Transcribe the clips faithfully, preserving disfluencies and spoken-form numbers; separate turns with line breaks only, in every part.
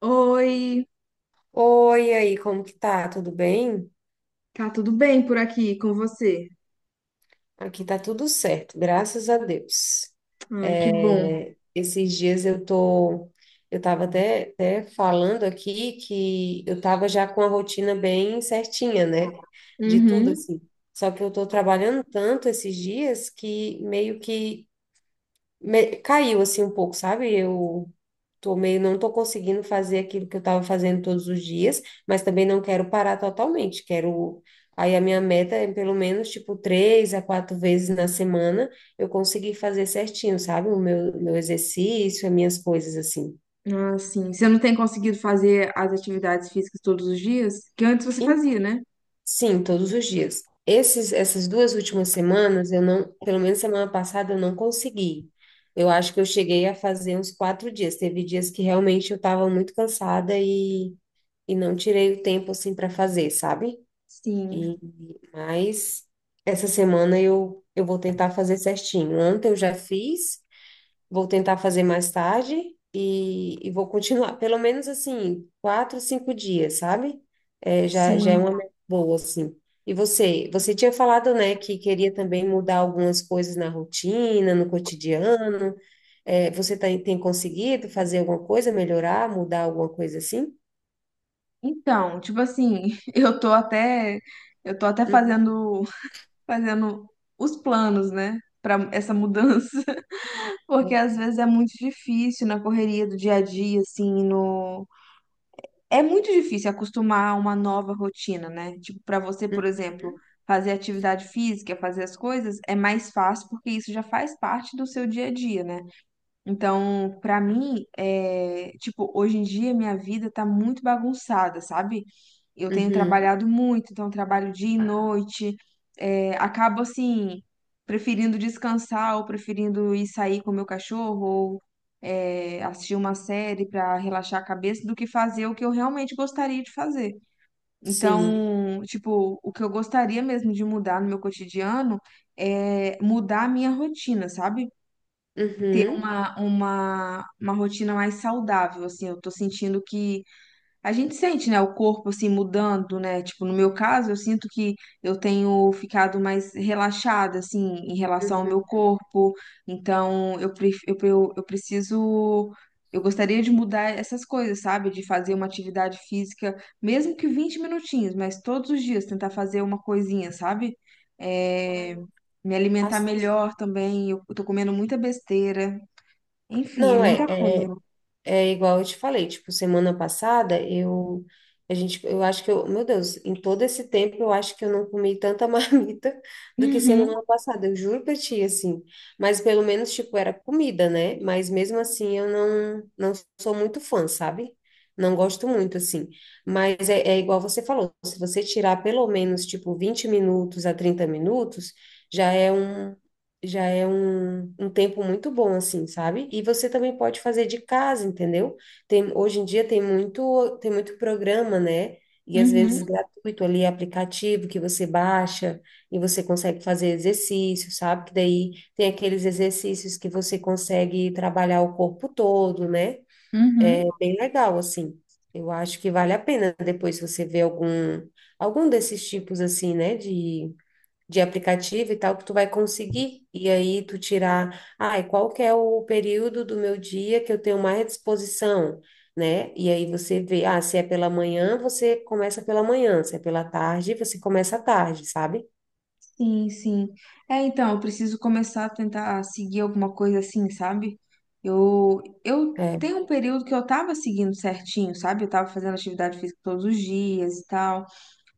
Oi,
Oi, e aí, como que tá? Tudo bem?
tá tudo bem por aqui com você?
Aqui tá tudo certo, graças a Deus.
Ai, que bom.
É, esses dias eu tô, eu tava até, até falando aqui que eu tava já com a rotina bem certinha, né? De tudo
Uhum.
assim. Só que eu tô trabalhando tanto esses dias que meio que me- caiu assim um pouco, sabe? Eu tô meio, não tô conseguindo fazer aquilo que eu estava fazendo todos os dias, mas também não quero parar totalmente. Quero. Aí a minha meta é pelo menos tipo três a quatro vezes na semana eu conseguir fazer certinho, sabe? O meu, meu exercício, as minhas coisas assim.
Ah, sim. Você não tem conseguido fazer as atividades físicas todos os dias? Que antes você fazia, né?
Sim, todos os dias. Esses, essas duas últimas semanas, eu não, pelo menos semana passada, eu não consegui. Eu acho que eu cheguei a fazer uns quatro dias. Teve dias que realmente eu estava muito cansada e, e não tirei o tempo assim para fazer, sabe? E,
Sim,
mas essa semana eu, eu vou tentar fazer certinho. Ontem eu já fiz. Vou tentar fazer mais tarde e, e vou continuar, pelo menos assim, quatro, cinco dias, sabe? É, já, já é
sim.
uma meta boa, assim. E você, você tinha falado, né, que queria também mudar algumas coisas na rotina, no cotidiano. É, você tá- tem conseguido fazer alguma coisa, melhorar, mudar alguma coisa assim?
Então, tipo assim, eu tô até eu tô até
Uhum,
fazendo fazendo os planos, né, pra essa mudança, porque às vezes é muito difícil na correria do dia a dia, assim, no... É muito difícil acostumar a uma nova rotina, né? Tipo, para você, por exemplo,
uhum,
fazer atividade física, fazer as coisas, é mais fácil porque isso já faz parte do seu dia a dia, né? Então, pra mim, é, tipo, hoje em dia minha vida tá muito bagunçada, sabe? Eu tenho
uhum,
trabalhado muito, então trabalho dia e noite. É, acabo assim, preferindo descansar ou preferindo ir sair com meu cachorro ou é, assistir uma série pra relaxar a cabeça do que fazer o que eu realmente gostaria de fazer.
sim.
Então, tipo, o que eu gostaria mesmo de mudar no meu cotidiano é mudar a minha rotina, sabe?
Uhum,
uma, uma, uma rotina mais saudável, assim, eu tô sentindo que a gente sente, né, o corpo assim mudando, né? Tipo, no meu caso, eu sinto que eu tenho ficado mais relaxada assim em relação ao meu
uhum.
corpo. Então, eu pref- eu, eu, eu preciso. Eu gostaria de mudar essas coisas, sabe? De fazer uma atividade física, mesmo que vinte minutinhos, mas todos os dias tentar fazer uma coisinha, sabe?
Mas,
É, me alimentar
assim,
melhor também. Eu tô comendo muita besteira. Enfim, é
não é.
muita coisa.
É, é igual eu te falei, tipo, semana passada eu a gente eu acho que eu, meu Deus, em todo esse tempo eu acho que eu não comi tanta marmita do que
Uhum,
semana passada, eu juro pra ti assim. Mas pelo menos tipo era comida, né? Mas mesmo assim eu não não sou muito fã, sabe? Não gosto muito assim. Mas é, é igual você falou, se você tirar pelo menos tipo vinte minutos a trinta minutos, já é um já é um, um tempo muito bom, assim, sabe? E você também pode fazer de casa, entendeu? Tem, hoje em dia tem muito, tem muito programa, né? E às vezes
uhum,
gratuito ali, aplicativo que você baixa e você consegue fazer exercício, sabe? Que daí tem aqueles exercícios que você consegue trabalhar o corpo todo, né?
uhum.
É bem legal, assim. Eu acho que vale a pena depois você ver algum, algum desses tipos, assim, né? De de aplicativo e tal que tu vai conseguir. E aí tu tirar, ai, qual que é o período do meu dia que eu tenho mais disposição, né? E aí você vê, ah, se é pela manhã, você começa pela manhã, se é pela tarde, você começa à tarde, sabe?
Sim, sim. É, então, eu preciso começar a tentar seguir alguma coisa assim, sabe? Eu, eu
É.
tenho um período que eu tava seguindo certinho, sabe? Eu tava fazendo atividade física todos os dias e tal.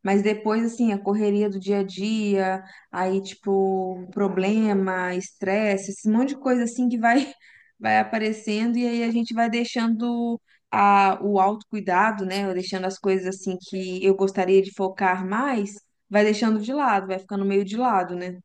Mas depois, assim, a correria do dia a dia, aí, tipo, problema, estresse, esse monte de coisa, assim, que vai, vai aparecendo e aí a gente vai deixando a, o autocuidado, né? Ou deixando as coisas, assim, que eu gostaria de focar mais, vai deixando de lado, vai ficando meio de lado, né?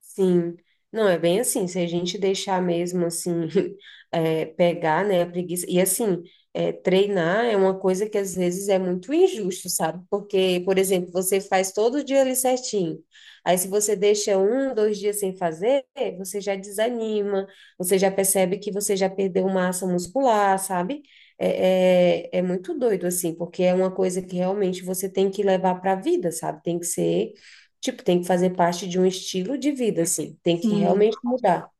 Sim, não é bem assim. Se a gente deixar mesmo assim, é, pegar, né, a preguiça. E assim, é, treinar é uma coisa que às vezes é muito injusto, sabe? Porque, por exemplo, você faz todo dia ali certinho. Aí, se você deixa um, dois dias sem fazer, você já desanima, você já percebe que você já perdeu massa muscular, sabe? É, é, é muito doido, assim, porque é uma coisa que realmente você tem que levar para a vida, sabe? Tem que ser. Tipo, tem que fazer parte de um estilo de vida, assim. Tem que
Sim,
realmente mudar.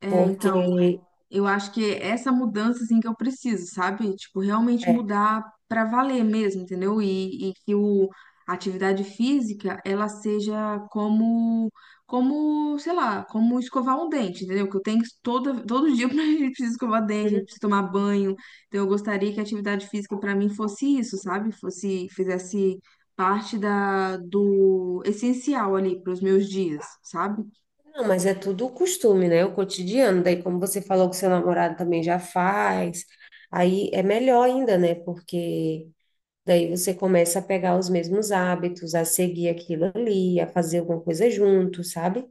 é, então.
Porque.
Eu acho que é essa mudança assim que eu preciso, sabe? Tipo, realmente
É,
mudar pra valer mesmo, entendeu? E, e que o, a atividade física ela seja como como, sei lá, como escovar um dente, entendeu? Que eu tenho que toda todo dia pra gente precisa escovar dente, a gente precisa tomar banho. Então eu gostaria que a atividade física pra mim fosse isso, sabe? Fosse fizesse parte da do essencial ali pros meus dias, sabe?
não, mas é tudo o costume, né? O cotidiano. Daí, como você falou que seu namorado também já faz, aí é melhor ainda, né? Porque daí você começa a pegar os mesmos hábitos, a seguir aquilo ali, a fazer alguma coisa junto, sabe?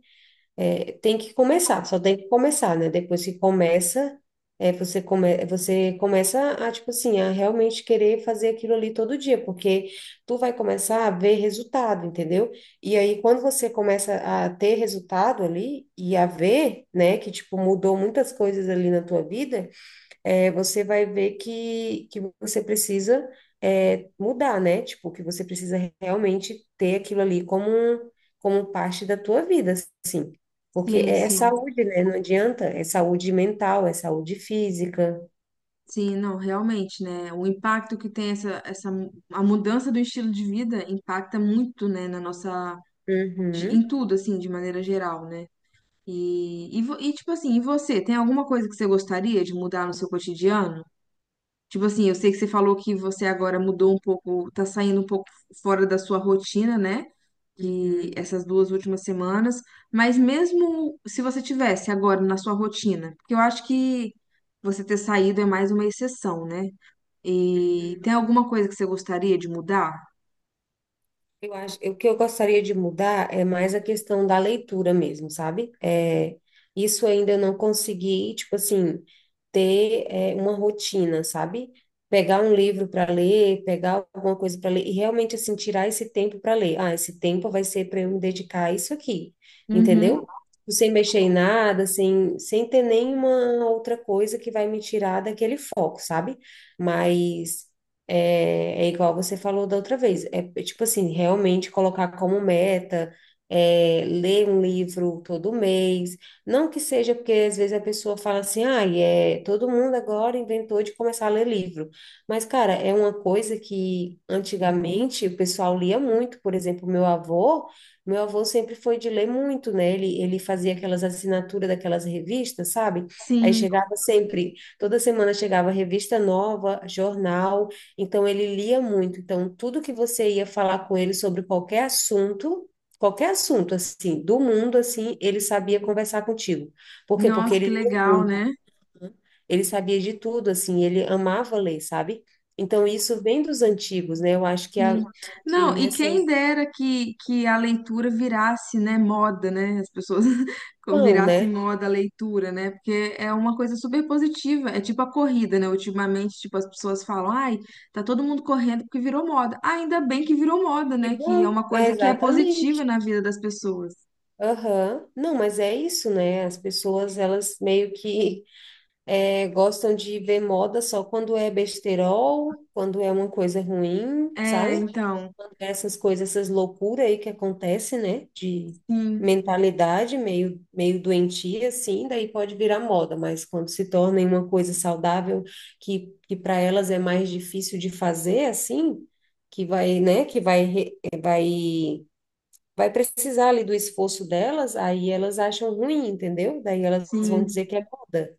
É, tem que começar, só tem que começar, né? Depois que começa, é, você, come, você começa a, tipo assim, a realmente querer fazer aquilo ali todo dia, porque tu vai começar a ver resultado, entendeu? E aí, quando você começa a ter resultado ali e a ver, né, que, tipo, mudou muitas coisas ali na tua vida, é, você vai ver que, que você precisa é, mudar, né? Tipo, que você precisa realmente ter aquilo ali como, um, como parte da tua vida, assim. Porque
Sim,
é
sim.
saúde, né? Não adianta, é saúde mental, é saúde física.
Sim, não, realmente, né? O impacto que tem essa, essa a mudança do estilo de vida impacta muito, né, na nossa... de-
Uhum,
em tudo assim, de maneira geral, né? E, e, vo- e tipo assim, e você, tem alguma coisa que você gostaria de mudar no seu cotidiano? Tipo assim, eu sei que você falou que você agora mudou um pouco, tá saindo um pouco fora da sua rotina, né? Que
uhum,
essas duas últimas semanas, mas mesmo se você tivesse agora na sua rotina, porque eu acho que você ter saído é mais uma exceção, né? E tem
uhum.
alguma coisa que você gostaria de mudar?
Eu acho, o que eu gostaria de mudar é mais a questão da leitura mesmo, sabe? É, isso ainda eu não consegui, tipo assim, ter, é, uma rotina, sabe? Pegar um livro para ler, pegar alguma coisa para ler e realmente assim tirar esse tempo para ler. Ah, esse tempo vai ser para eu me dedicar a isso aqui,
Uhum.
entendeu? Sem mexer em nada, sem, sem ter nenhuma outra coisa que vai me tirar daquele foco, sabe? Mas é, é igual você falou da outra vez. É, é tipo assim, realmente colocar como meta, é, ler um livro todo mês. Não que seja porque às vezes a pessoa fala assim, ah, é, todo mundo agora inventou de começar a ler livro. Mas, cara, é uma coisa que antigamente o pessoal lia muito. Por exemplo, meu avô, meu avô sempre foi de ler muito, né? Ele, ele fazia aquelas assinaturas daquelas revistas, sabe? Aí
Sim,
chegava sempre, toda semana chegava revista nova, jornal. Então ele lia muito. Então tudo que você ia falar com ele sobre qualquer assunto, qualquer assunto assim, do mundo assim, ele sabia conversar contigo. Por quê? Porque
nossa, que
ele lia
legal,
muito.
né?
Né? Ele sabia de tudo assim, ele amava ler, sabe? Então isso vem dos antigos, né? Eu acho que
Sim.
a, e
Não, e
nessa
quem dera que, que a leitura virasse, né, moda, né? As pessoas
não,
virasse
né?
moda a leitura, né? Porque é uma coisa super positiva. É tipo a corrida, né? Ultimamente, tipo, as pessoas falam, ai, tá todo mundo correndo porque virou moda. Ah, ainda bem que virou moda,
E
né? Que é
bom,
uma
é
coisa que é
exatamente.
positiva na vida das pessoas.
Aham. Não, mas é isso, né? As pessoas, elas meio que é, gostam de ver moda só quando é besterol, quando é uma coisa ruim,
É,
sabe?
então,
Quando é essas coisas, essas loucuras aí que acontece, né? De
sim,
mentalidade meio, meio doentia, assim, daí pode virar moda, mas quando se torna em uma coisa saudável, que, que para elas é mais difícil de fazer, assim, que vai, né? Que vai, re- vai, vai precisar ali do esforço delas, aí elas acham ruim, entendeu? Daí elas vão
sim.
dizer que é moda.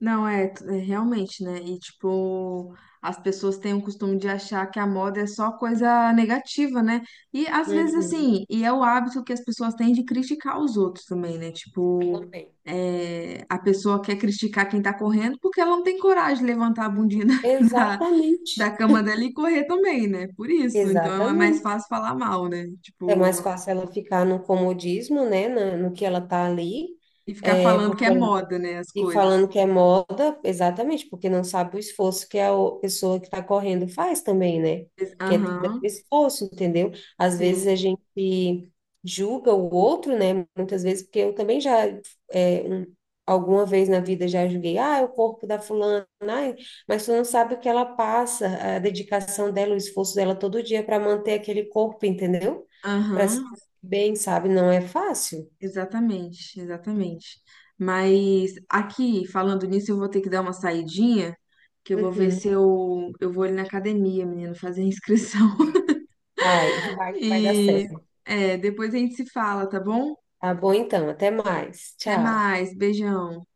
Não, é, t- é realmente, né? E, tipo, as pessoas têm o costume de achar que a moda é só coisa negativa, né? E, às vezes,
Uhum,
assim, e é o hábito que as pessoas têm de criticar os outros também, né? Tipo,
também.
é, a pessoa quer criticar quem tá correndo porque ela não tem coragem de levantar a bundinha da,
Exatamente,
da, cama dela e correr também, né? Por isso. Então, é mais
exatamente.
fácil falar mal, né?
É mais
Tipo,
fácil ela ficar no comodismo, né, na- no que ela tá ali,
e ficar
é,
falando que
porque
é moda, né? As
e falando
coisas.
que é moda, exatamente, porque não sabe o esforço que a o- pessoa que está correndo faz também, né? Que é tudo é
Aham,
esforço, entendeu? Às vezes
sim.
a gente julga o outro, né? Muitas vezes, porque eu também já, é, um- alguma vez na vida já julguei, ah, é o corpo da fulana, ai, mas tu não sabe o que ela passa, a dedicação dela, o esforço dela todo dia para manter aquele corpo, entendeu? Para se sentir
Aham.
bem, sabe? Não é fácil.
Exatamente, exatamente. Mas aqui, falando nisso, eu vou ter que dar uma saidinha, que eu vou ver
Uhum.
se eu, eu vou ali na academia, menino, fazer a inscrição.
Vai, vai, vai dar
E
certo.
é, depois a gente se fala, tá bom?
Tá bom, então. Até mais.
Até
Tchau.
mais, beijão.